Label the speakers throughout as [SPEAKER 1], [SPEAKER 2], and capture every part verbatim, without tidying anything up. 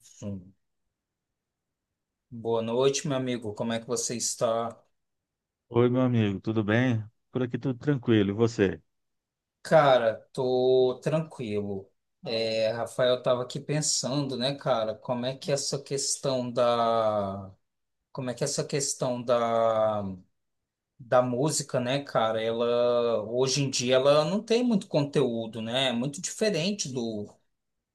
[SPEAKER 1] Sim. Boa noite, meu amigo. Como é que você está?
[SPEAKER 2] Oi, meu amigo, tudo bem? Por aqui tudo tranquilo, e você?
[SPEAKER 1] Cara, tô tranquilo. É, Rafael, eu tava aqui pensando, né, cara, como é que essa questão da, como é que essa questão da, da música, né, cara, ela hoje em dia ela não tem muito conteúdo, né? É muito diferente do,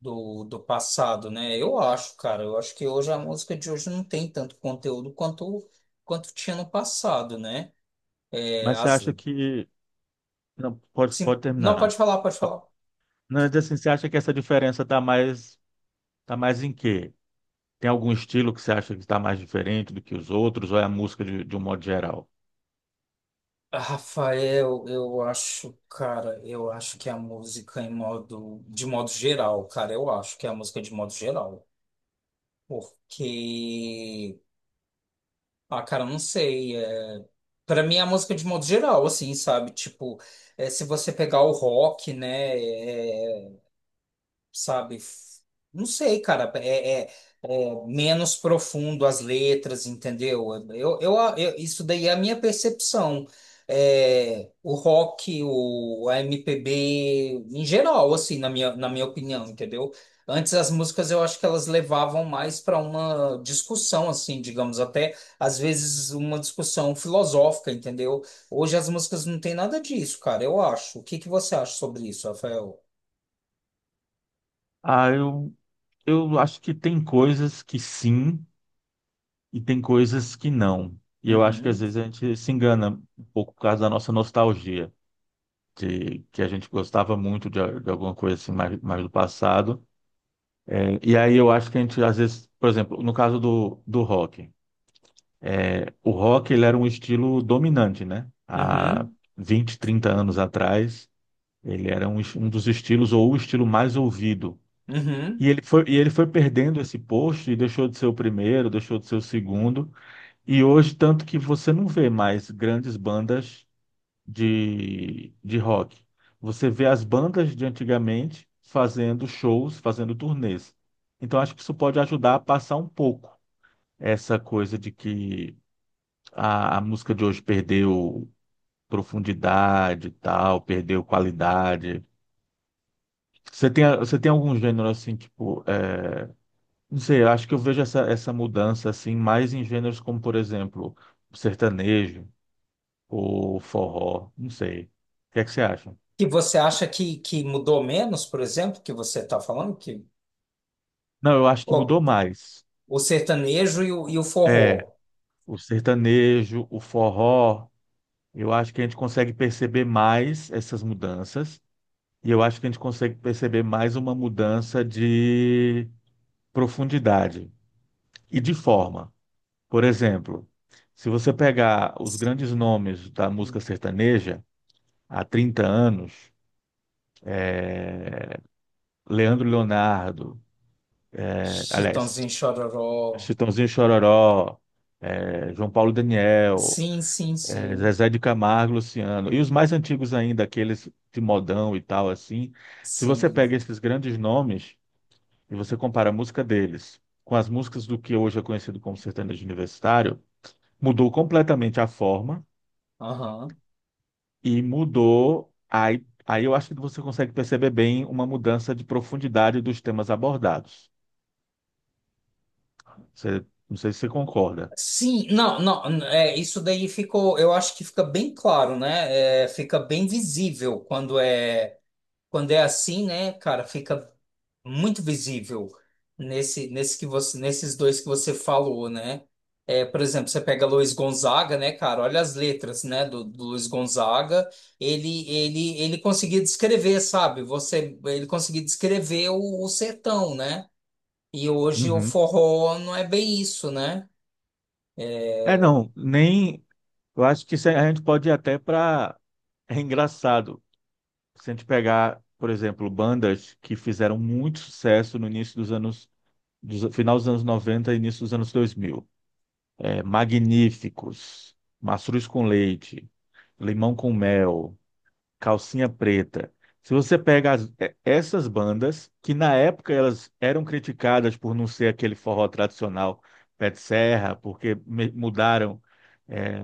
[SPEAKER 1] do, do passado, né? Eu acho, cara, eu acho que hoje a música de hoje não tem tanto conteúdo quanto quanto tinha no passado, né? É,
[SPEAKER 2] Mas você
[SPEAKER 1] as
[SPEAKER 2] acha que. Não, pode,
[SPEAKER 1] Sim.
[SPEAKER 2] pode
[SPEAKER 1] Não, pode
[SPEAKER 2] terminar.
[SPEAKER 1] falar, pode falar.
[SPEAKER 2] Não, mas assim, você acha que essa diferença está mais, tá mais em quê? Tem algum estilo que você acha que está mais diferente do que os outros, ou é a música de, de um modo geral?
[SPEAKER 1] Rafael, eu acho, cara, eu acho que a música em modo, de modo geral, cara, eu acho que é a música de modo geral, porque, ah, cara, eu não sei, é, para mim é a música de modo geral, assim, sabe, tipo, é, se você pegar o rock, né, é, sabe? F- Não sei, cara. É, é- é menos profundo as letras, entendeu? Eu, eu, eu- isso daí é a minha percepção. É, o rock, o, a M P B, em geral, assim, na minha, na minha opinião, entendeu? Antes as músicas eu acho que elas levavam mais para uma discussão, assim, digamos, até às vezes uma discussão filosófica, entendeu? Hoje as músicas não têm nada disso, cara, eu acho. O que que você acha sobre isso, Rafael?
[SPEAKER 2] Ah, eu, eu acho que tem coisas que sim e tem coisas que não. E eu acho que às
[SPEAKER 1] Uhum.
[SPEAKER 2] vezes a gente se engana um pouco por causa da nossa nostalgia, de que a gente gostava muito de, de alguma coisa assim mais, mais do passado. E aí eu acho que a gente, às vezes, por exemplo, no caso do, do rock, é, o rock ele era um estilo dominante, né? Há
[SPEAKER 1] Uhum.
[SPEAKER 2] vinte, trinta anos atrás, ele era um, es- um dos estilos ou o estilo mais ouvido. E
[SPEAKER 1] Uhum.
[SPEAKER 2] ele foi, e ele foi perdendo esse posto e deixou de ser o primeiro, deixou de ser o segundo. E hoje, tanto que você não vê mais grandes bandas de, de rock. Você vê as bandas de antigamente fazendo shows, fazendo turnês. Então, acho que isso pode ajudar a passar um pouco essa coisa de que a, a música de hoje perdeu profundidade e tal, perdeu qualidade. Você tem, você tem algum gênero assim, tipo, é, não sei, eu acho que eu vejo essa, essa mudança assim mais em gêneros como, por exemplo, sertanejo ou forró, não sei. O que é que você acha?
[SPEAKER 1] Que você acha que, que mudou menos, por exemplo, que você está falando, que
[SPEAKER 2] Não, eu acho que
[SPEAKER 1] o,
[SPEAKER 2] mudou mais.
[SPEAKER 1] o sertanejo e o, e o
[SPEAKER 2] É,
[SPEAKER 1] forró.
[SPEAKER 2] o sertanejo, o forró, eu acho que a gente consegue perceber mais essas mudanças. E eu acho que a gente consegue perceber mais uma mudança de profundidade e de forma. Por exemplo, se você pegar os grandes nomes da música
[SPEAKER 1] Hum.
[SPEAKER 2] sertaneja há trinta anos, Leandro Leonardo, eh, aliás,
[SPEAKER 1] Chitãozinho Chororó.
[SPEAKER 2] Chitãozinho e Chororó, eh, João Paulo e Daniel,
[SPEAKER 1] Sim, sim,
[SPEAKER 2] eh,
[SPEAKER 1] sim.
[SPEAKER 2] Zezé de Camargo, Luciano, e os mais antigos ainda, aqueles de modão e tal assim, se você
[SPEAKER 1] Sim.
[SPEAKER 2] pega esses grandes nomes, e você compara a música deles com as músicas do que hoje é conhecido como sertanejo universitário, mudou completamente a forma
[SPEAKER 1] Aham.
[SPEAKER 2] e mudou. Aí, aí eu acho que você consegue perceber bem uma mudança de profundidade dos temas abordados. Você, não sei se você concorda.
[SPEAKER 1] Sim, não, não, n- é, isso daí ficou, eu acho que fica bem claro, né? É, fica bem visível quando é, quando é assim, né, cara? Fica muito visível nesse, nesse que você, nesses dois que você falou, né? É, por exemplo, você pega Luiz Gonzaga, né, cara? Olha as letras, né, do, do Luiz Gonzaga. Ele, ele, ele conseguia descrever, sabe? Você, ele conseguia descrever o, o sertão, né? E hoje o
[SPEAKER 2] Uhum.
[SPEAKER 1] forró não é bem isso, né?
[SPEAKER 2] É, não, nem. Eu acho que isso a gente pode ir até para. É engraçado. Se a gente pegar, por exemplo, bandas que fizeram muito sucesso no início dos anos, dos- final dos anos noventa e início dos anos dois mil, é, magníficos, mastruz com leite, limão com mel, calcinha preta. Se você pega as- é, essas bandas, que na época elas eram criticadas por não ser aquele forró tradicional pé de serra, porque me- mudaram, é,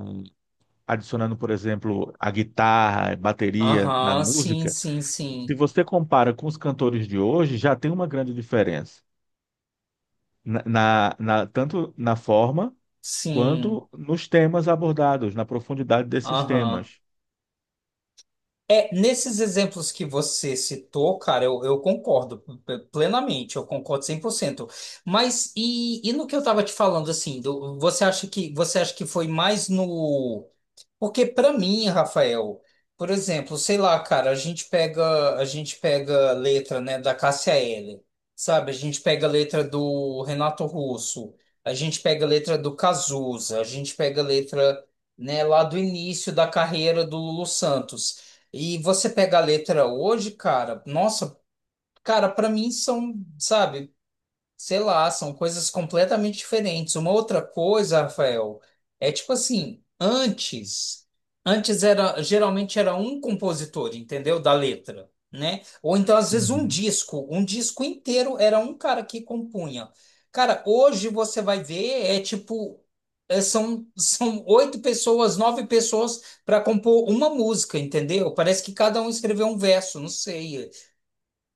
[SPEAKER 2] adicionando, por exemplo, a guitarra, a bateria na
[SPEAKER 1] Aham, sim,
[SPEAKER 2] música.
[SPEAKER 1] sim,
[SPEAKER 2] Se
[SPEAKER 1] sim,
[SPEAKER 2] você compara com os cantores de hoje, já tem uma grande diferença. Na, na- na- tanto na forma
[SPEAKER 1] sim,
[SPEAKER 2] quanto nos temas abordados, na profundidade desses
[SPEAKER 1] aham.
[SPEAKER 2] temas.
[SPEAKER 1] É, nesses exemplos que você citou, cara, eu, eu concordo p- plenamente, eu concordo cem por cento. Mas e, e no que eu tava te falando, assim, do- você acha que você acha que foi mais no porque para mim, Rafael, por exemplo, sei lá, cara, a gente pega, a gente pega letra, né, da Cássia Eller, sabe? A gente pega a letra do Renato Russo, a gente pega a letra do Cazuza, a gente pega a letra, né, lá do início da carreira do Lulu Santos. E você pega a letra hoje, cara, nossa, cara, para mim são, sabe? Sei lá, são coisas completamente diferentes. Uma outra coisa, Rafael, é tipo assim, antes, antes era geralmente era um compositor, entendeu? Da letra, né? Ou então às vezes um
[SPEAKER 2] Uhum.
[SPEAKER 1] disco, um disco inteiro era um cara que compunha. Cara, hoje você vai ver é tipo é, São, são oito pessoas, nove pessoas para compor uma música, entendeu? Parece que cada um escreveu um verso, não sei.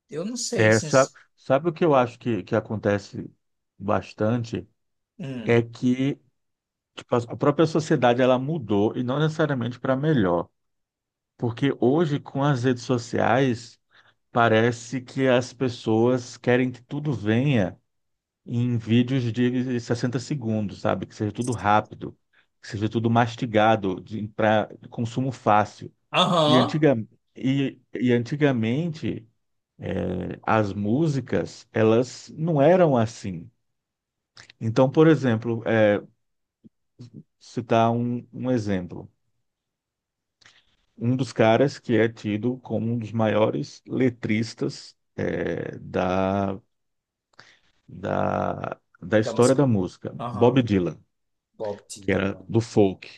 [SPEAKER 1] Eu não sei
[SPEAKER 2] É, sabe,
[SPEAKER 1] se.
[SPEAKER 2] sabe o que eu acho que, que acontece bastante? É
[SPEAKER 1] Hum.
[SPEAKER 2] que tipo, a a própria sociedade ela mudou e não necessariamente para melhor. Porque hoje, com as redes sociais, parece que as pessoas querem que tudo venha em vídeos de sessenta segundos, sabe? Que seja tudo rápido, que seja tudo mastigado, para consumo fácil. E,
[SPEAKER 1] Aham.
[SPEAKER 2] antiga, e, e antigamente as músicas elas não eram assim. Então, por exemplo, é, citar um, um exemplo. Um dos caras que é tido como um dos maiores letristas é, da, da, da
[SPEAKER 1] Tá, mas.
[SPEAKER 2] história da música, Bob
[SPEAKER 1] Aham.
[SPEAKER 2] Dylan,
[SPEAKER 1] Bob
[SPEAKER 2] que era
[SPEAKER 1] Dylan.
[SPEAKER 2] do folk.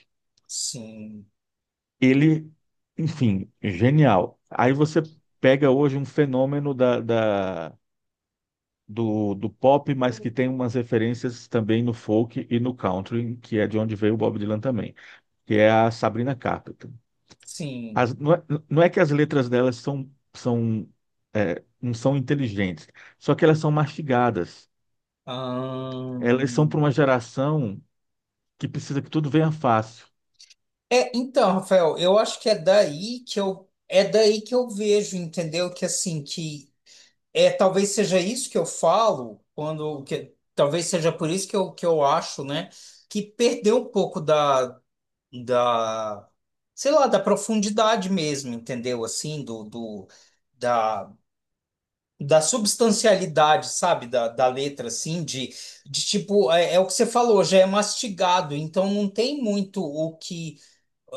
[SPEAKER 1] Sim,
[SPEAKER 2] Ele, enfim, genial. Aí você pega hoje um fenômeno da da do, do pop, mas que tem umas referências também no folk e no country, que é de onde veio o Bob Dylan também, que é a Sabrina Carpenter.
[SPEAKER 1] sim.
[SPEAKER 2] As- não é, não é que as letras delas são, são, é, não são inteligentes, só que elas são mastigadas. Elas são para uma
[SPEAKER 1] Ahn.
[SPEAKER 2] geração que precisa que tudo venha fácil.
[SPEAKER 1] É, então, Rafael, eu acho que é daí que eu é daí que eu vejo, entendeu? Que assim, que é talvez seja isso que eu falo quando que talvez seja por isso que eu, que eu, acho, né, que perdeu um pouco da da sei lá, da profundidade mesmo, entendeu? Assim, do do da da substancialidade, sabe, da, da letra, assim, de, de tipo, é, é o que você falou, já é mastigado, então não tem muito o que.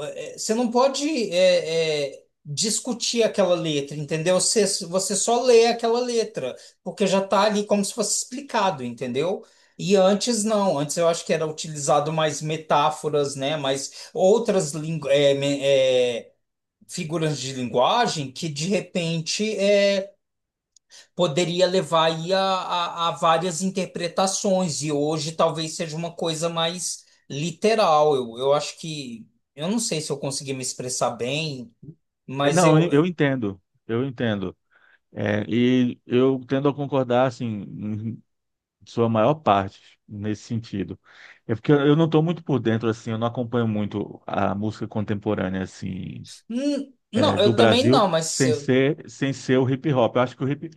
[SPEAKER 1] é, Você não pode é, é, discutir aquela letra, entendeu? Você, você só lê aquela letra, porque já tá ali como se fosse explicado, entendeu? E antes não, antes eu acho que era utilizado mais metáforas, né? Mais outras lingu é, me- é, figuras de linguagem que de repente é, poderia levar aí a, a, a várias interpretações, e hoje talvez seja uma coisa mais literal. Eu, eu acho que. Eu não sei se eu consegui me expressar bem,
[SPEAKER 2] É,
[SPEAKER 1] mas
[SPEAKER 2] não, eu eu
[SPEAKER 1] eu.
[SPEAKER 2] entendo, eu entendo. É, e eu tendo a concordar, assim, sua maior parte nesse sentido. É porque eu não estou muito por dentro, assim, eu não acompanho muito a música contemporânea, assim,
[SPEAKER 1] Hum. Não,
[SPEAKER 2] é, do
[SPEAKER 1] eu também
[SPEAKER 2] Brasil,
[SPEAKER 1] não, mas
[SPEAKER 2] sem
[SPEAKER 1] eu.
[SPEAKER 2] ser, sem ser o hip hop. Eu acho que o hip,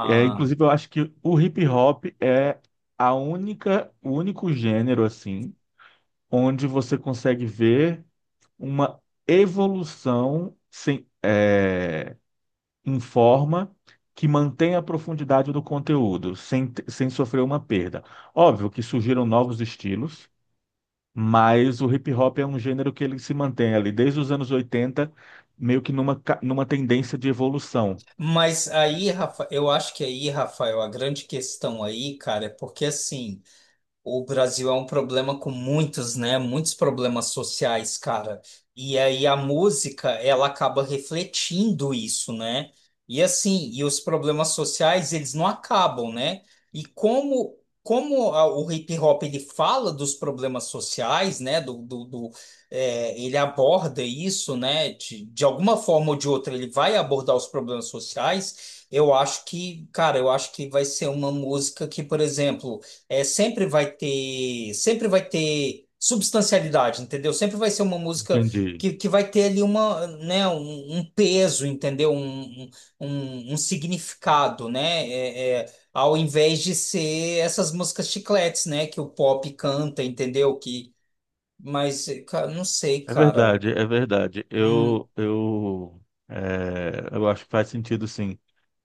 [SPEAKER 2] é, inclusive, eu acho que o hip hop é a única, o único gênero, assim, onde você consegue ver uma evolução sem, é, em forma que mantenha a profundidade do conteúdo, sem, sem sofrer uma perda. Óbvio que surgiram novos estilos, mas o hip hop é um gênero que ele se mantém ali desde os anos oitenta meio que numa, ca- numa tendência de evolução.
[SPEAKER 1] Mas aí, Rafa, eu acho que aí, Rafael, a grande questão aí, cara, é porque assim. O Brasil é um problema com muitos, né? Muitos problemas sociais, cara. E aí a música, ela acaba refletindo isso, né? E assim, e os problemas sociais, eles não acabam, né? E como como a- o hip hop ele fala dos problemas sociais, né? Do, do, do- é, ele aborda isso, né? De, de alguma forma ou de outra, ele vai abordar os problemas sociais. Eu acho que, cara, eu acho que vai ser uma música que, por exemplo é, sempre vai ter, sempre vai ter substancialidade, entendeu? Sempre vai ser uma música
[SPEAKER 2] Entendi.
[SPEAKER 1] que, que vai ter ali uma, né, um, um peso, entendeu? Um, um, um um significado, né? É, é, ao invés de ser essas músicas chicletes, né? Que o pop canta, entendeu? Que, mas, cara, não sei,
[SPEAKER 2] É
[SPEAKER 1] cara.
[SPEAKER 2] verdade, é verdade.
[SPEAKER 1] Hum.
[SPEAKER 2] Eu, eu, é, eu acho que faz sentido, sim.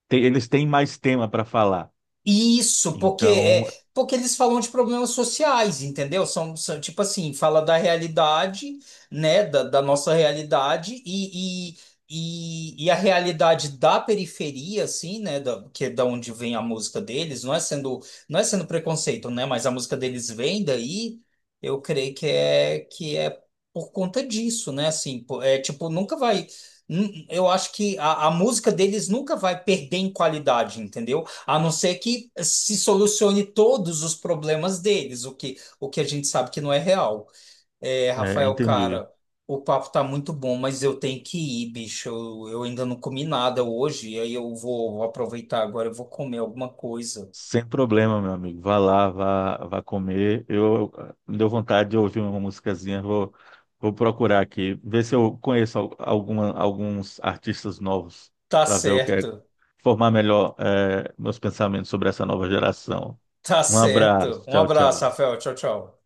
[SPEAKER 2] Tem- eles têm mais tema para falar.
[SPEAKER 1] Isso, porque
[SPEAKER 2] Então,
[SPEAKER 1] é, porque eles falam de problemas sociais, entendeu? São, são, tipo assim, fala da realidade, né, da, da nossa realidade e, e, e, e a realidade da periferia, assim, né, da, que é da onde vem a música deles, não é sendo não é sendo preconceito, né, mas a música deles vem daí, eu creio que é que é por conta disso, né, assim, pô, é tipo nunca vai, nu- eu acho que a, a música deles nunca vai perder em qualidade, entendeu? A não ser que se solucione todos os problemas deles, o que, o que a gente sabe que não é real. É,
[SPEAKER 2] é,
[SPEAKER 1] Rafael,
[SPEAKER 2] entendi.
[SPEAKER 1] cara, o papo tá muito bom, mas eu tenho que ir, bicho. Eu, eu ainda não comi nada hoje, e aí eu vou, vou aproveitar agora, eu vou comer alguma coisa.
[SPEAKER 2] Sem problema, meu amigo. Vá lá, vá, vá comer. Eu me deu vontade de ouvir uma musicazinha. Vou, vou procurar aqui, ver se eu conheço al- alguma, alguns artistas novos
[SPEAKER 1] Tá
[SPEAKER 2] para ver o que é,
[SPEAKER 1] certo,
[SPEAKER 2] formar melhor eh, meus pensamentos sobre essa nova geração.
[SPEAKER 1] tá
[SPEAKER 2] Um
[SPEAKER 1] certo.
[SPEAKER 2] abraço.
[SPEAKER 1] Um
[SPEAKER 2] Tchau,
[SPEAKER 1] abraço,
[SPEAKER 2] tchau.
[SPEAKER 1] Rafael. Tchau, tchau.